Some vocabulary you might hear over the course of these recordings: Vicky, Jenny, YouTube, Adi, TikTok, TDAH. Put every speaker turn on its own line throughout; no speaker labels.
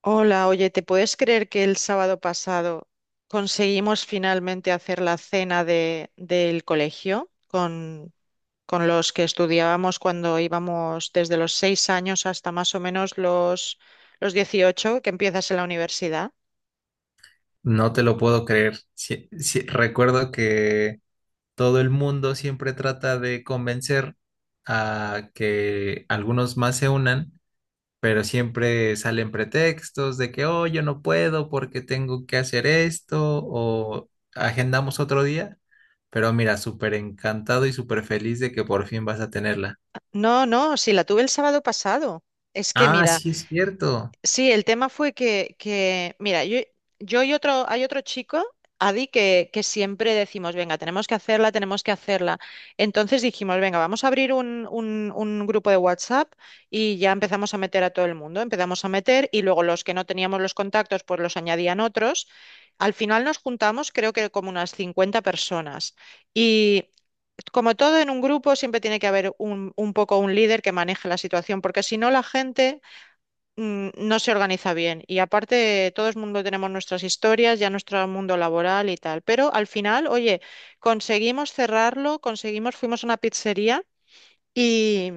Hola, oye, ¿te puedes creer que el sábado pasado conseguimos finalmente hacer la cena del colegio con los que estudiábamos cuando íbamos desde los 6 años hasta más o menos los 18 que empiezas en la universidad?
No te lo puedo creer. Sí, recuerdo que todo el mundo siempre trata de convencer a que algunos más se unan, pero siempre salen pretextos de que, oh, yo no puedo porque tengo que hacer esto o agendamos otro día. Pero mira, súper encantado y súper feliz de que por fin vas a tenerla.
No, no, sí, la tuve el sábado pasado. Es que
Ah,
mira,
sí, es cierto.
sí, el tema fue que mira, yo y otro, hay otro chico, Adi, que siempre decimos, venga, tenemos que hacerla, tenemos que hacerla. Entonces dijimos, venga, vamos a abrir un grupo de WhatsApp y ya empezamos a meter a todo el mundo, empezamos a meter y luego los que no teníamos los contactos, pues los añadían otros. Al final nos juntamos, creo que como unas 50 personas. Y como todo en un grupo, siempre tiene que haber un poco un líder que maneje la situación, porque si no la gente no se organiza bien. Y aparte, todo el mundo tenemos nuestras historias, ya nuestro mundo laboral y tal. Pero al final, oye, conseguimos cerrarlo, conseguimos, fuimos a una pizzería y,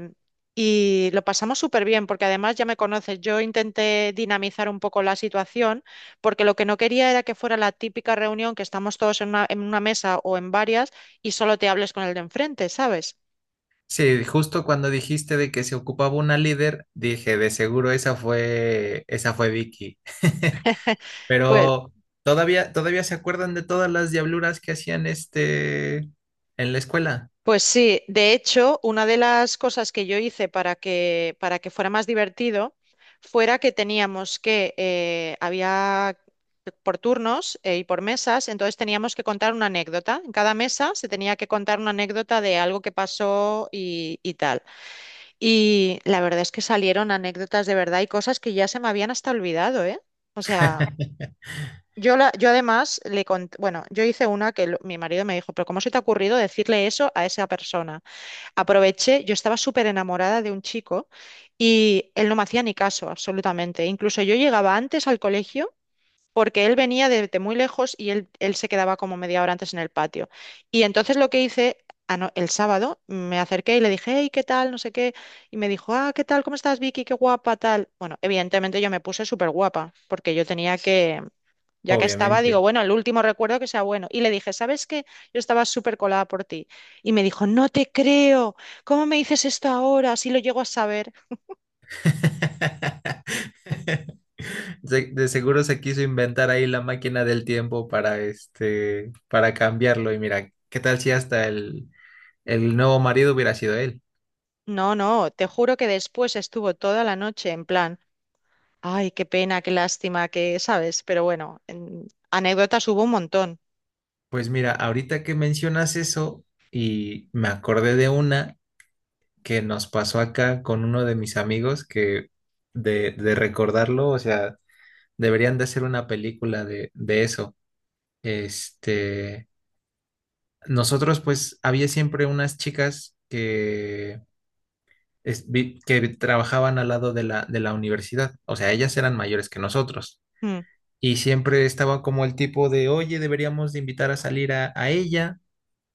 y lo pasamos súper bien, porque además ya me conoces, yo intenté dinamizar un poco la situación, porque lo que no quería era que fuera la típica reunión que estamos todos en una mesa o en varias y solo te hables con el de enfrente, ¿sabes?
Sí, justo cuando dijiste de que se ocupaba una líder, dije, de seguro esa fue Vicky.
Pues
Pero todavía se acuerdan de todas las diabluras que hacían este en la escuela.
pues sí, de hecho, una de las cosas que yo hice para que fuera más divertido fuera que teníamos que, había por turnos y por mesas, entonces teníamos que contar una anécdota. En cada mesa se tenía que contar una anécdota de algo que pasó y tal. Y la verdad es que salieron anécdotas de verdad y cosas que ya se me habían hasta olvidado, ¿eh? O sea, yo además bueno, yo hice una mi marido me dijo, pero ¿cómo se te ha ocurrido decirle eso a esa persona? Aproveché, yo estaba súper enamorada de un chico y él no me hacía ni caso, absolutamente. Incluso yo llegaba antes al colegio porque él venía de muy lejos y él se quedaba como media hora antes en el patio. Y entonces lo que hice, el sábado me acerqué y le dije, hey, ¿qué tal? No sé qué. Y me dijo, ah, ¿qué tal? ¿Cómo estás, Vicky? Qué guapa, tal. Bueno, evidentemente yo me puse súper guapa porque yo tenía ya que estaba, digo,
Obviamente.
bueno, el último recuerdo que sea bueno. Y le dije, ¿sabes qué? Yo estaba súper colada por ti. Y me dijo, no te creo. ¿Cómo me dices esto ahora? Si lo llego a saber.
De seguro se quiso inventar ahí la máquina del tiempo para este, para cambiarlo. Y mira, ¿qué tal si hasta el nuevo marido hubiera sido él?
No, no, te juro que después estuvo toda la noche en plan, ay, qué pena, qué lástima, que, ¿sabes? Pero bueno, anécdotas hubo un montón.
Pues mira, ahorita que mencionas eso y me acordé de una que nos pasó acá con uno de mis amigos que de recordarlo, o sea, deberían de hacer una película de eso. Este, nosotros pues había siempre unas chicas que, que trabajaban al lado de la universidad, o sea, ellas eran mayores que nosotros
Mm.
y siempre estaba como el tipo de, oye, deberíamos de invitar a salir a ella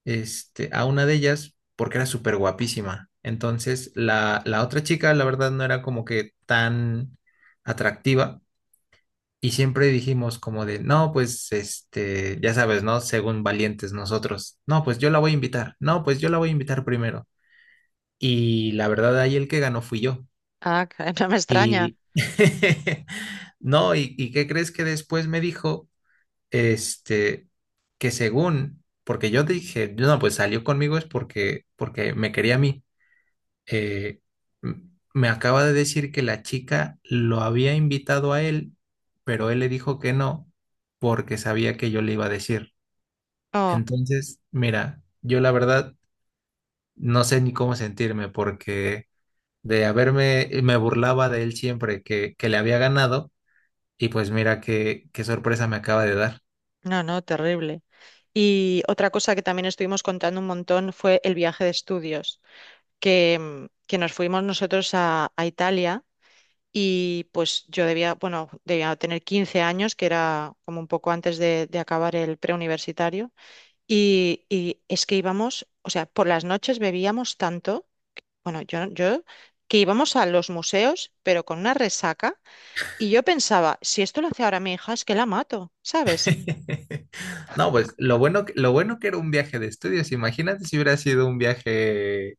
este, a una de ellas porque era súper guapísima. Entonces, la otra chica, la verdad, no era como que tan atractiva. Y siempre dijimos como de, no, pues, este, ya sabes, ¿no? Según valientes nosotros. No, pues yo la voy a invitar. No, pues yo la voy a invitar primero. Y la verdad, ahí el que ganó fui yo.
Ah, que no me extraña.
Y… No, ¿y qué crees que después me dijo? Este, que según, porque yo dije, no, pues salió conmigo es porque, porque me quería a mí. Eh, m- me acaba de decir que la chica lo había invitado a él, pero él le dijo que no, porque sabía que yo le iba a decir.
Oh,
Entonces, mira, yo la verdad no sé ni cómo sentirme, porque de haberme, me burlaba de él siempre que le había ganado, y pues mira qué, qué sorpresa me acaba de dar.
no, no, terrible. Y otra cosa que también estuvimos contando un montón fue el viaje de estudios, que nos fuimos nosotros a Italia. Y pues yo debía, bueno, debía tener 15 años, que era como un poco antes de acabar el preuniversitario. Y es que íbamos, o sea, por las noches bebíamos tanto, bueno, yo que íbamos a los museos, pero con una resaca. Y yo pensaba, si esto lo hace ahora mi hija, es que la mato, ¿sabes?
No, pues lo bueno, lo bueno que era un viaje de estudios. Imagínate si hubiera sido un viaje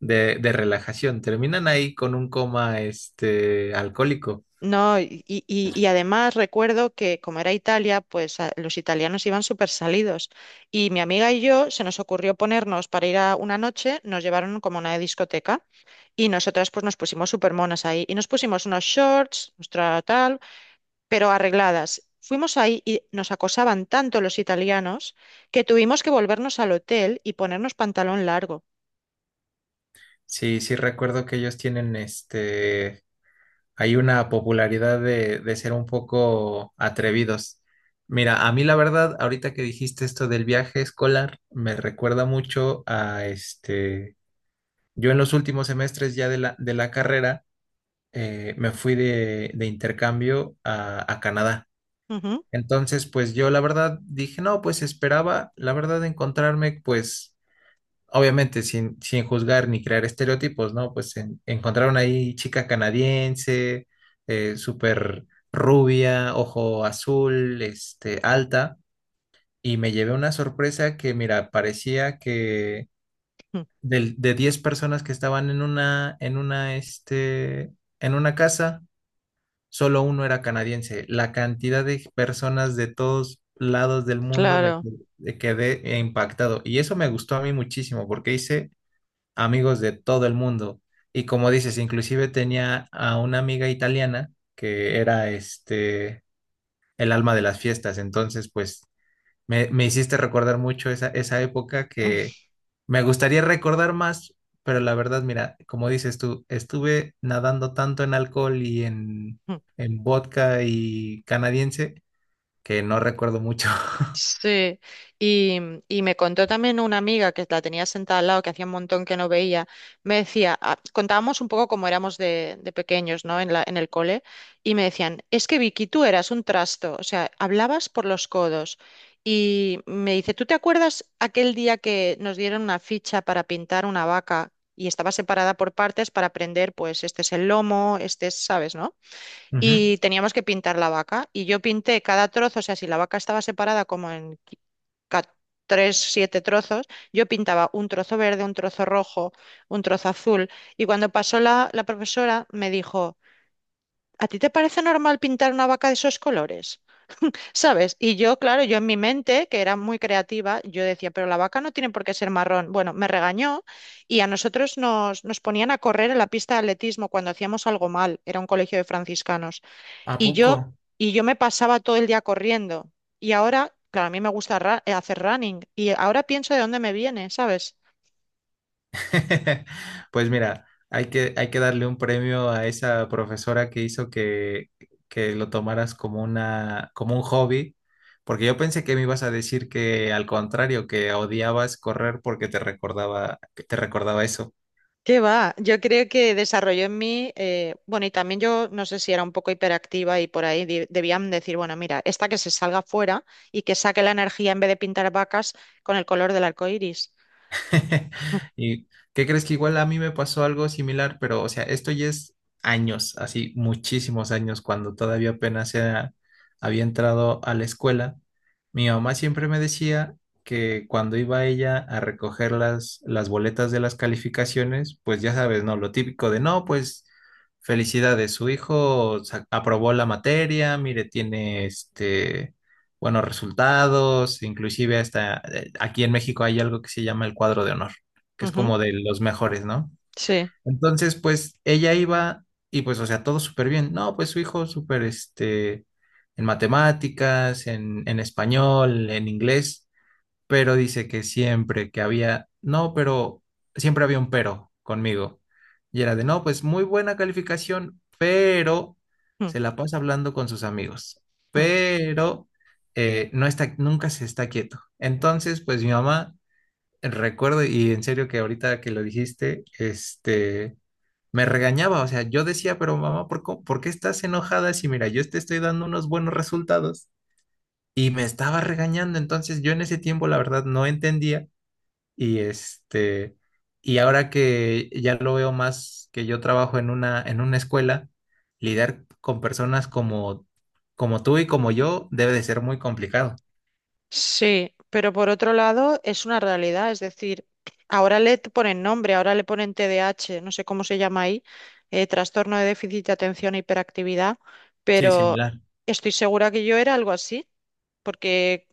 de relajación. Terminan ahí con un coma este alcohólico.
No, y además recuerdo que como era Italia, pues los italianos iban súper salidos. Y mi amiga y yo se nos ocurrió ponernos para ir a una noche, nos llevaron como a una discoteca y nosotras pues nos pusimos súper monas ahí y nos pusimos unos shorts, nuestra tal, pero arregladas. Fuimos ahí y nos acosaban tanto los italianos que tuvimos que volvernos al hotel y ponernos pantalón largo.
Sí, sí recuerdo que ellos tienen este hay una popularidad de ser un poco atrevidos. Mira, a mí la verdad, ahorita que dijiste esto del viaje escolar, me recuerda mucho a este. Yo en los últimos semestres ya de la carrera me fui de intercambio a Canadá.
Ujú.
Entonces, pues yo la verdad dije, no, pues esperaba, la verdad, encontrarme, pues, obviamente sin juzgar ni crear estereotipos, ¿no? Pues encontraron ahí chica canadiense, súper rubia, ojo azul, este, alta, y me llevé una sorpresa que, mira, parecía que de 10 personas que estaban en una, este, en una casa, solo uno era canadiense. La cantidad de personas de todos lados del mundo
Claro.
quedé impactado. Y eso me gustó a mí muchísimo porque hice amigos de todo el mundo. Y como dices, inclusive tenía a una amiga italiana que era este el alma de las fiestas. Entonces, pues me hiciste recordar mucho esa, esa época que me gustaría recordar más, pero la verdad, mira, como dices tú, estuve nadando tanto en alcohol y en vodka y canadiense que no recuerdo mucho.
Sí, y me contó también una amiga que la tenía sentada al lado, que hacía un montón que no veía, me decía, ah, contábamos un poco cómo éramos de pequeños, ¿no? En el cole, y me decían, es que Vicky, tú eras un trasto, o sea, hablabas por los codos. Y me dice, ¿tú te acuerdas aquel día que nos dieron una ficha para pintar una vaca y estaba separada por partes para aprender, pues este es el lomo, este es, ¿sabes, no?
Ujú.
Y teníamos que pintar la vaca. Y yo pinté cada trozo, o sea, si la vaca estaba separada como en ca- tres, siete trozos, yo pintaba un trozo verde, un trozo rojo, un trozo azul. Y cuando pasó la profesora, me dijo, ¿a ti te parece normal pintar una vaca de esos colores? ¿Sabes? Y yo, claro, yo en mi mente, que era muy creativa, yo decía, pero la vaca no tiene por qué ser marrón. Bueno, me regañó y a nosotros nos ponían a correr en la pista de atletismo cuando hacíamos algo mal. Era un colegio de franciscanos.
¿A
Y
poco?
yo, y yo me pasaba todo el día corriendo. Y ahora, claro, a mí me gusta hacer running. Y ahora pienso de dónde me viene, ¿sabes?
Pues mira, hay que darle un premio a esa profesora que hizo que lo tomaras como una, como un hobby, porque yo pensé que me ibas a decir que al contrario, que odiabas correr porque te recordaba, que te recordaba eso.
¿Qué va? Yo creo que desarrolló en mí, bueno, y también yo no sé si era un poco hiperactiva y por ahí debían decir, bueno, mira, esta que se salga fuera y que saque la energía en vez de pintar vacas con el color del arco iris.
¿Y qué crees que igual a mí me pasó algo similar? Pero, o sea, esto ya es años, así muchísimos años, cuando todavía había entrado a la escuela. Mi mamá siempre me decía que cuando iba ella a recoger las boletas de las calificaciones, pues ya sabes, ¿no? Lo típico de, no, pues felicidades, aprobó la materia, mire, tiene este buenos resultados, inclusive hasta aquí en México hay algo que se llama el cuadro de honor, que es
Ujú,
como de los mejores, ¿no?
sí.
Entonces, pues ella iba y pues, o sea, todo súper bien. No, pues su hijo súper, este, en matemáticas, en español, en inglés, pero dice que siempre que había, no, pero siempre había un pero conmigo. Y era de, no, pues muy buena calificación, pero
Mm,
se la pasa hablando con sus amigos, pero no está, nunca se está quieto. Entonces, pues mi mamá, recuerdo, y en serio que ahorita que lo dijiste, este, me regañaba, o sea, yo decía, pero mamá, ¿ por qué estás enojada si mira, yo te estoy dando unos buenos resultados? Y me estaba regañando, entonces yo en ese tiempo la verdad no entendía y este, y ahora que ya lo veo más que yo trabajo en una escuela, lidiar con personas como, como tú y como yo debe de ser muy complicado.
sí, pero por otro lado es una realidad, es decir, ahora ponen nombre, ahora le ponen TDAH, no sé cómo se llama ahí, trastorno de déficit de atención e hiperactividad,
Sí,
pero
similar.
estoy segura que yo era algo así, porque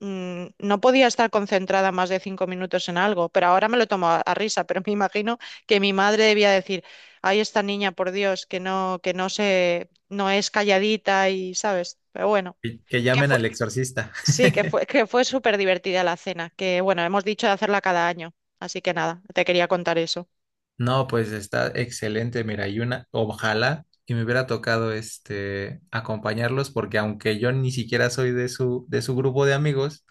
no podía estar concentrada más de 5 minutos en algo, pero ahora me lo tomo a risa, pero me imagino que mi madre debía decir, ay, esta niña, por Dios, que no se, no es calladita y, ¿sabes? Pero bueno.
Que llamen al exorcista.
Sí, que fue súper divertida la cena, que bueno, hemos dicho de hacerla cada año, así que nada, te quería contar eso.
No, pues está excelente, mira, y una, ojalá y me hubiera tocado este acompañarlos, porque aunque yo ni siquiera soy de su grupo de amigos,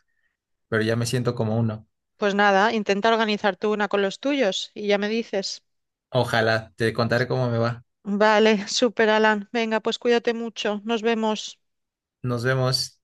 pero ya me siento como uno.
Pues nada, intenta organizar tú una con los tuyos y ya me dices.
Ojalá, te contaré cómo me va.
Vale, súper Alan, venga, pues cuídate mucho, nos vemos.
Nos vemos.